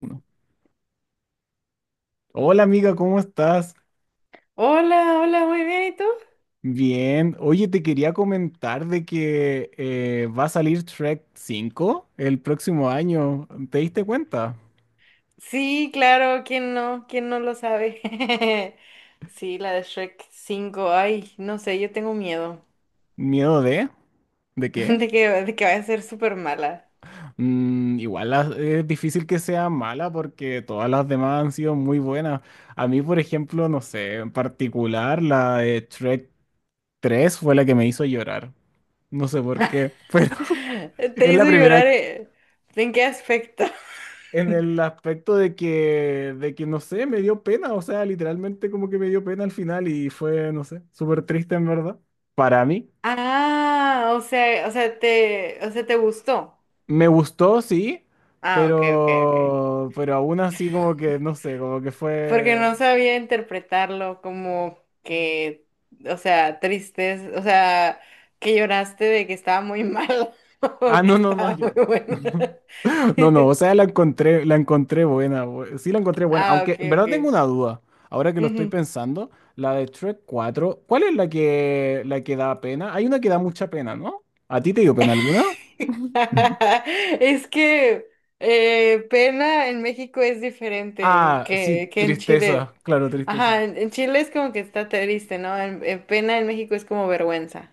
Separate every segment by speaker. Speaker 1: Uno. Hola amiga, ¿cómo estás?
Speaker 2: Hola, hola, muy bien, ¿y tú?
Speaker 1: Bien. Oye, te quería comentar de que va a salir Trek 5 el próximo año. ¿Te diste cuenta?
Speaker 2: Sí, claro, ¿quién no? ¿Quién no lo sabe? Sí, la de Shrek cinco, ay, no sé, yo tengo miedo
Speaker 1: ¿Miedo de? ¿De qué?
Speaker 2: de que vaya a ser súper mala.
Speaker 1: Mm, igual es difícil que sea mala porque todas las demás han sido muy buenas. A mí, por ejemplo, no sé, en particular la de Trek 3 fue la que me hizo llorar. No sé por qué, pero
Speaker 2: Te
Speaker 1: es la
Speaker 2: hizo
Speaker 1: primera.
Speaker 2: llorar, ¿En qué aspecto?
Speaker 1: En el aspecto de que, no sé, me dio pena, o sea, literalmente como que me dio pena al final y fue, no sé, súper triste en verdad. Para mí.
Speaker 2: Ah, o sea, te gustó.
Speaker 1: Me gustó, sí,
Speaker 2: Ah, ok, ok, ok.
Speaker 1: pero aún así como que, no sé, como que
Speaker 2: Porque
Speaker 1: fue.
Speaker 2: no sabía interpretarlo como que, o sea, tristeza, o sea, que lloraste de que estaba muy malo
Speaker 1: Ah,
Speaker 2: o
Speaker 1: no,
Speaker 2: que
Speaker 1: no, no,
Speaker 2: estaba
Speaker 1: yo.
Speaker 2: muy bueno.
Speaker 1: No, no, o sea, la encontré buena, sí la encontré buena,
Speaker 2: Ah,
Speaker 1: aunque
Speaker 2: ok,
Speaker 1: en verdad tengo
Speaker 2: ok.
Speaker 1: una duda, ahora que lo estoy
Speaker 2: Ujú.
Speaker 1: pensando, la de Shrek cuatro, ¿cuál es la que da pena? Hay una que da mucha pena, ¿no? ¿A ti te dio pena alguna?
Speaker 2: Es que pena en México es diferente
Speaker 1: Ah, sí,
Speaker 2: que en Chile.
Speaker 1: tristeza, claro, tristeza.
Speaker 2: Ajá, en Chile es como que está triste, ¿no? En pena en México es como vergüenza.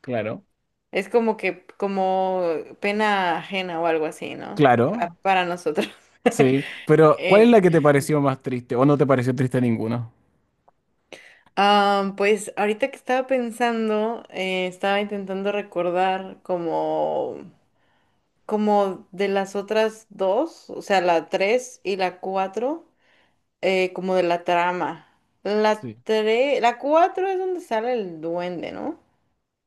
Speaker 1: Claro.
Speaker 2: Es como pena ajena o algo así, ¿no? Ah,
Speaker 1: Claro,
Speaker 2: para nosotros.
Speaker 1: sí, pero ¿cuál es la
Speaker 2: Eh,
Speaker 1: que te pareció más triste o no te pareció triste ninguna?
Speaker 2: ah, pues ahorita que estaba pensando, estaba intentando recordar como de las otras dos, o sea, la tres y la cuatro, como de la trama. La
Speaker 1: Sí.
Speaker 2: tres, la cuatro es donde sale el duende, ¿no?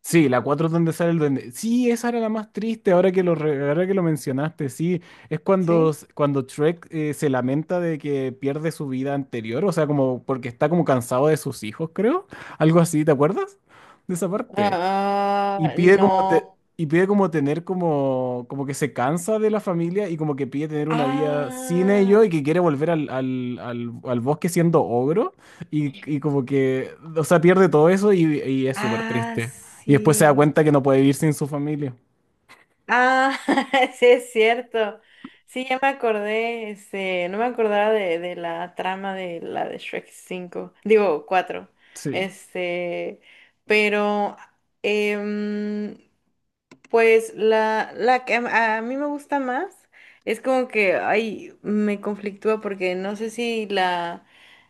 Speaker 1: Sí, la cuatro donde sale el duende. Sí, esa era la más triste ahora que lo, ahora que lo mencionaste, sí. Es cuando,
Speaker 2: ¿Sí?
Speaker 1: cuando Shrek se lamenta de que pierde su vida anterior, o sea, como porque está como cansado de sus hijos, creo. Algo así, ¿te acuerdas? De esa parte.
Speaker 2: Ah,
Speaker 1: Y
Speaker 2: ah,
Speaker 1: pide como
Speaker 2: no.
Speaker 1: y pide como tener como, como que se cansa de la familia y como que pide tener una vida sin ellos
Speaker 2: Ah,
Speaker 1: y que quiere volver al bosque siendo ogro y como que, o sea, pierde todo eso y es súper
Speaker 2: ah,
Speaker 1: triste. Y después se da
Speaker 2: sí.
Speaker 1: cuenta que no puede vivir sin su familia.
Speaker 2: Ah, sí es cierto. Sí, ya me acordé, este, no me acordaba de la trama de la de Shrek cinco digo cuatro.
Speaker 1: Sí.
Speaker 2: Este, pero em, pues la que a mí me gusta más es como que ay, me conflictúa porque no sé si la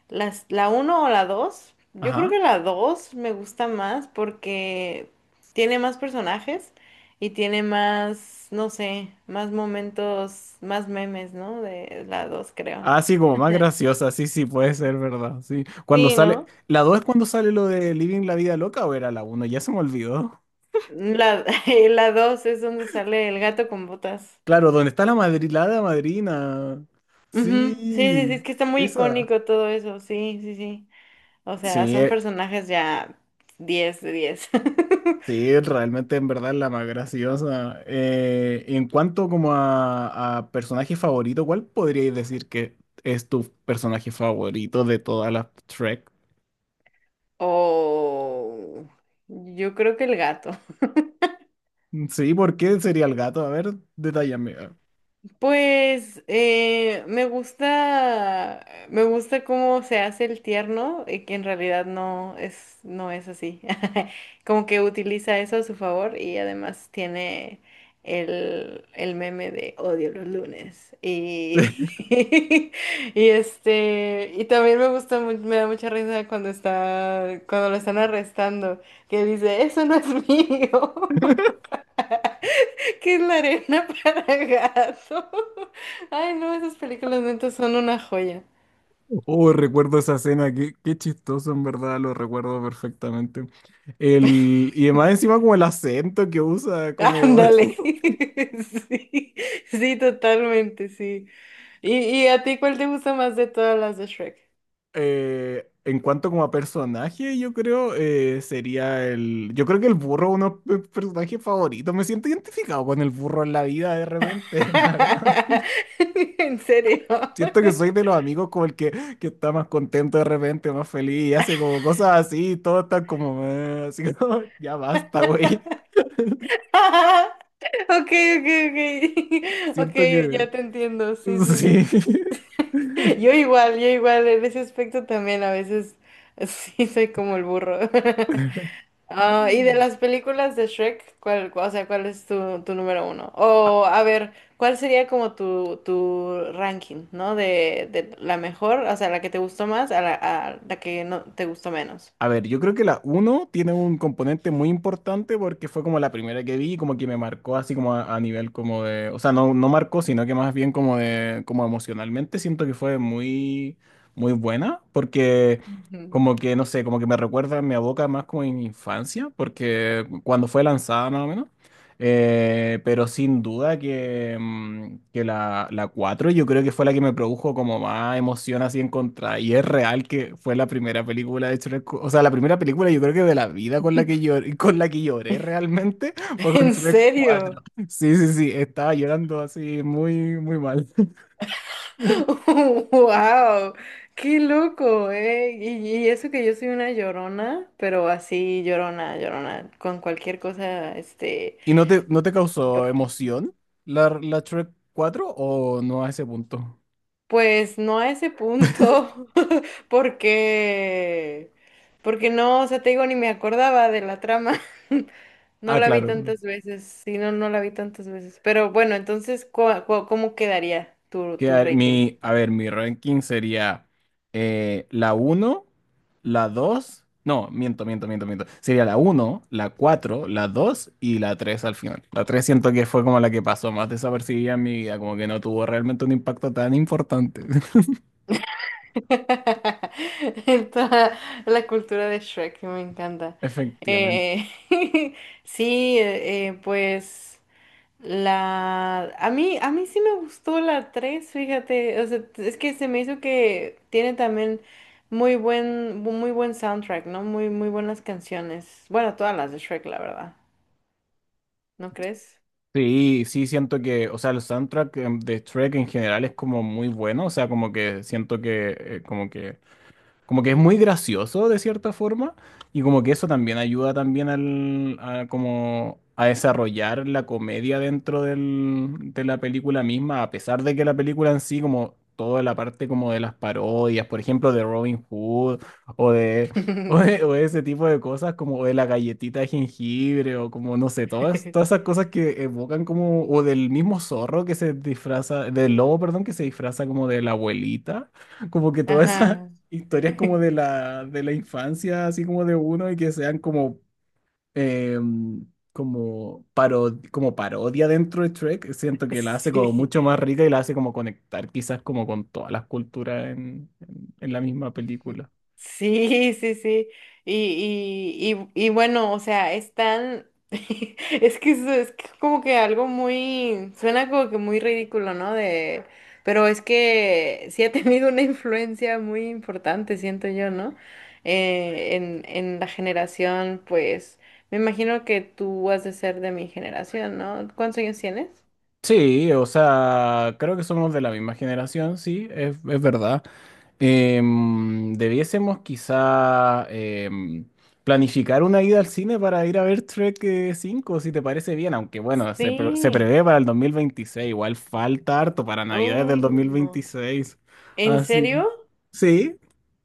Speaker 2: la uno o la dos. Yo creo que
Speaker 1: Ajá.
Speaker 2: la 2 me gusta más porque tiene más personajes y tiene más, no sé, más momentos, más memes, ¿no? De la 2 creo.
Speaker 1: Ah, sí, como más graciosa, sí, sí, puede ser, ¿verdad? Sí. Cuando
Speaker 2: Sí,
Speaker 1: sale,
Speaker 2: ¿no?
Speaker 1: ¿la 2 es cuando sale lo de Living la Vida Loca o era la uno? Ya se me olvidó.
Speaker 2: La, la 2 es donde sale el gato con botas.
Speaker 1: Claro, ¿dónde está la madrilada madrina?
Speaker 2: Ujú, sí, sí, sí, es
Speaker 1: Sí,
Speaker 2: que está muy
Speaker 1: esa.
Speaker 2: icónico todo eso, sí, sí, sí. O sea,
Speaker 1: Sí,
Speaker 2: son personajes ya 10 de 10.
Speaker 1: sí, realmente en verdad la más graciosa. En cuanto como a, personaje favorito, ¿cuál podríais decir que es tu personaje favorito de todas las Trek?
Speaker 2: O yo creo que el gato.
Speaker 1: Sí, ¿por qué sería el gato? A ver, detállame.
Speaker 2: Pues me gusta cómo se hace el tierno y que en realidad no es así. Como que utiliza eso a su favor y además tiene el meme de odio los lunes. Y, y este, y también me gusta, me da mucha risa cuando lo están arrestando, que dice, eso no es mío. ¿Qué es la arena para gato? Ay, no, esas películas neta son una joya.
Speaker 1: Oh, recuerdo esa escena, qué, qué chistoso, en verdad, lo recuerdo perfectamente. El, y además encima como el acento que usa, como...
Speaker 2: Ándale. Sí, sí, totalmente, sí. ¿Y a ti cuál te gusta más de todas las de Shrek?
Speaker 1: En cuanto como a personaje, yo creo sería el. Yo creo que el burro es uno de mis personajes favoritos. Me siento identificado con el burro en la vida de repente, la verdad.
Speaker 2: ¿En serio?
Speaker 1: Siento que soy de los amigos como el que está más contento de repente, más feliz, y hace como cosas así, y todo está como... así como, ya basta, güey.
Speaker 2: Ok, ok, ok. Ok,
Speaker 1: Siento que...
Speaker 2: ya te entiendo. Sí, sí,
Speaker 1: Sí.
Speaker 2: sí. Yo igual, en ese aspecto también a veces sí soy como el burro. Ah, y de las películas de Shrek, o sea, cuál es tu número uno? O, a ver, ¿cuál sería como tu ranking, ¿no? De la mejor, o sea, la que te gustó más a la que no te gustó menos.
Speaker 1: A ver, yo creo que la uno tiene un componente muy importante porque fue como la primera que vi y como que me marcó así como a nivel como de, o sea, no, no marcó, sino que más bien como de, como emocionalmente siento que fue muy, muy buena porque
Speaker 2: Ujú.
Speaker 1: como que, no sé, como que me recuerda, me aboca más como en mi infancia porque cuando fue lanzada más o menos. Pero sin duda que, mm, que la 4 yo creo que fue la que me produjo como más emoción así en contra. Y es real que fue la primera película de Shrek. O sea, la primera película yo creo que de la vida con la que lloré, con la que lloré realmente fue con
Speaker 2: ¿En
Speaker 1: Shrek
Speaker 2: serio?
Speaker 1: cuatro. Sí, sí, sí, estaba llorando así muy, muy mal.
Speaker 2: ¡Wow! ¡Qué loco, eh! Y eso que yo soy una llorona, pero así llorona, llorona, con cualquier cosa, este,
Speaker 1: ¿Y no te, no te causó
Speaker 2: lloro.
Speaker 1: emoción la, la Shrek 4 o no a ese punto?
Speaker 2: Pues no a ese punto, Porque, porque no, o sea, te digo, ni me acordaba de la trama. No
Speaker 1: Ah,
Speaker 2: la vi
Speaker 1: claro.
Speaker 2: tantas veces, sí, no, no la vi tantas veces. Pero bueno, entonces, cómo quedaría tu
Speaker 1: Que
Speaker 2: Reiken?
Speaker 1: mi, a ver, mi ranking sería la uno, la dos. No, miento. Sería la uno, la cuatro, la 2 y la 3 al final. La 3 siento que fue como la que pasó más desapercibida en mi vida, como que no tuvo realmente un impacto tan importante.
Speaker 2: En toda la cultura de Shrek, que me encanta.
Speaker 1: Efectivamente.
Speaker 2: Eh, sí, pues. A mí sí me gustó la 3 fíjate, o sea, es que se me hizo que tiene también muy buen soundtrack, ¿no? Muy, muy buenas canciones. Bueno, todas las de Shrek, la verdad, ¿no crees?
Speaker 1: Sí, sí, siento que, o sea, el soundtrack de Shrek en general es como muy bueno, o sea, como que siento que, como que como que es muy gracioso de cierta forma y como que eso también ayuda también al, a, como a desarrollar la comedia dentro del, de la película misma, a pesar de que la película en sí, como toda la parte como de las parodias, por ejemplo, de Robin Hood o de, o de ese tipo de cosas, como de la galletita de jengibre o como, no sé, todas, todas esas cosas que evocan como, o del mismo zorro que se disfraza, del lobo, perdón, que se disfraza como de la abuelita. Como que todas esas
Speaker 2: Ajá.
Speaker 1: historias como de de la infancia, así como de uno, y que sean como, eh, como, como parodia dentro de Trek, siento que la hace como
Speaker 2: Sí.
Speaker 1: mucho más rica y la hace como conectar quizás como con todas las culturas en la misma película.
Speaker 2: Sí, sí, sí. Y, y bueno, o sea, están. Es que como que algo muy. Suena como que muy ridículo, ¿no? De. Pero es que sí ha tenido una influencia muy importante, siento yo, ¿no? En la generación, pues. Me imagino que tú has de ser de mi generación, ¿no? ¿Cuántos años tienes?
Speaker 1: Sí, o sea, creo que somos de la misma generación, sí, es verdad. Debiésemos quizá planificar una ida al cine para ir a ver Trek 5, si te parece bien, aunque bueno, se
Speaker 2: Sí.
Speaker 1: prevé para el 2026, igual falta harto para Navidades del dos mil
Speaker 2: Oh.
Speaker 1: veintiséis.
Speaker 2: ¿En
Speaker 1: Así.
Speaker 2: serio?
Speaker 1: Sí.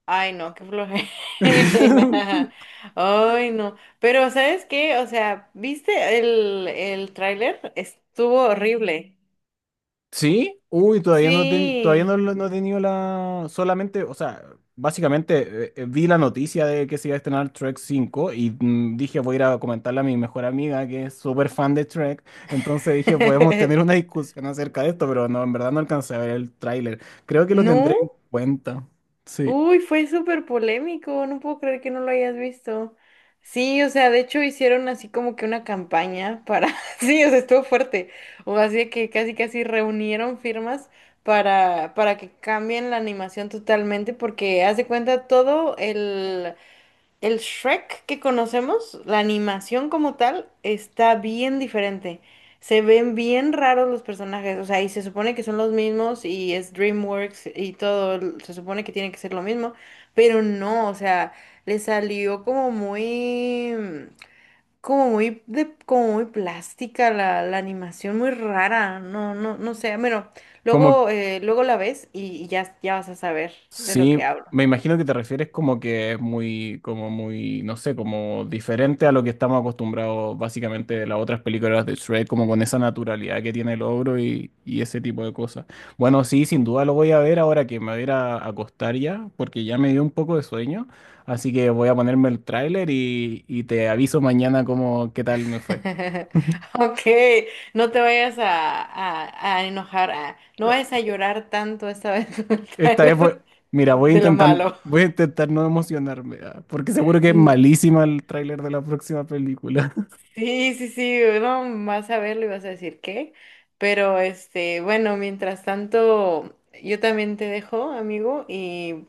Speaker 2: Ay, no, qué flojera. Ay, no. Pero, ¿sabes qué? O sea, ¿viste el tráiler? Estuvo horrible.
Speaker 1: Sí, uy, todavía no, todavía no,
Speaker 2: Sí.
Speaker 1: no he tenido la... Solamente, o sea, básicamente vi la noticia de que se iba a estrenar Trek 5 y mm, dije voy a ir a comentarle a mi mejor amiga que es súper fan de Trek. Entonces dije podemos tener una discusión acerca de esto, pero no, en verdad no alcancé a ver el tráiler. Creo que lo tendré en
Speaker 2: ¿No?
Speaker 1: cuenta. Sí.
Speaker 2: Uy, fue súper polémico. No puedo creer que no lo hayas visto. Sí, o sea, de hecho hicieron así como que una campaña para... Sí, o sea, estuvo fuerte. O así de que casi casi reunieron firmas para que cambien la animación totalmente porque haz de cuenta todo el... El Shrek que conocemos, la animación como tal, está bien diferente. Se ven bien raros los personajes, o sea, y se supone que son los mismos y es DreamWorks y todo, se supone que tiene que ser lo mismo, pero no, o sea, le salió como muy, como muy, como muy plástica la animación, muy rara, no, no, no sé, bueno,
Speaker 1: Como
Speaker 2: luego la ves y ya vas a saber de lo
Speaker 1: sí,
Speaker 2: que hablo.
Speaker 1: me imagino que te refieres como que es muy, como muy, no sé, como diferente a lo que estamos acostumbrados básicamente de las otras películas de Shrek, como con esa naturalidad que tiene el ogro y ese tipo de cosas. Bueno, sí, sin duda lo voy a ver ahora que me voy a ir a acostar ya, porque ya me dio un poco de sueño, así que voy a ponerme el tráiler y te aviso mañana cómo, qué tal me fue.
Speaker 2: Ok, no te vayas a enojar, no vayas a llorar tanto esta vez con el
Speaker 1: Esta vez fue,
Speaker 2: tráiler
Speaker 1: mira,
Speaker 2: de lo malo.
Speaker 1: voy a intentar no emocionarme, ah, porque seguro que es
Speaker 2: Mm,
Speaker 1: malísima el tráiler de la próxima película.
Speaker 2: sí, sí, sí, no vas a verlo y vas a decir qué, pero este, bueno, mientras tanto, yo también te dejo, amigo, y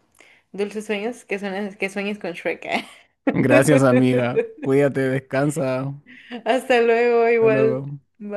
Speaker 2: dulces sueños, que sueñes con Shrek.
Speaker 1: Gracias, amiga.
Speaker 2: ¿Eh?
Speaker 1: Cuídate, descansa.
Speaker 2: Hasta luego,
Speaker 1: Hasta
Speaker 2: igual.
Speaker 1: luego.
Speaker 2: Bye.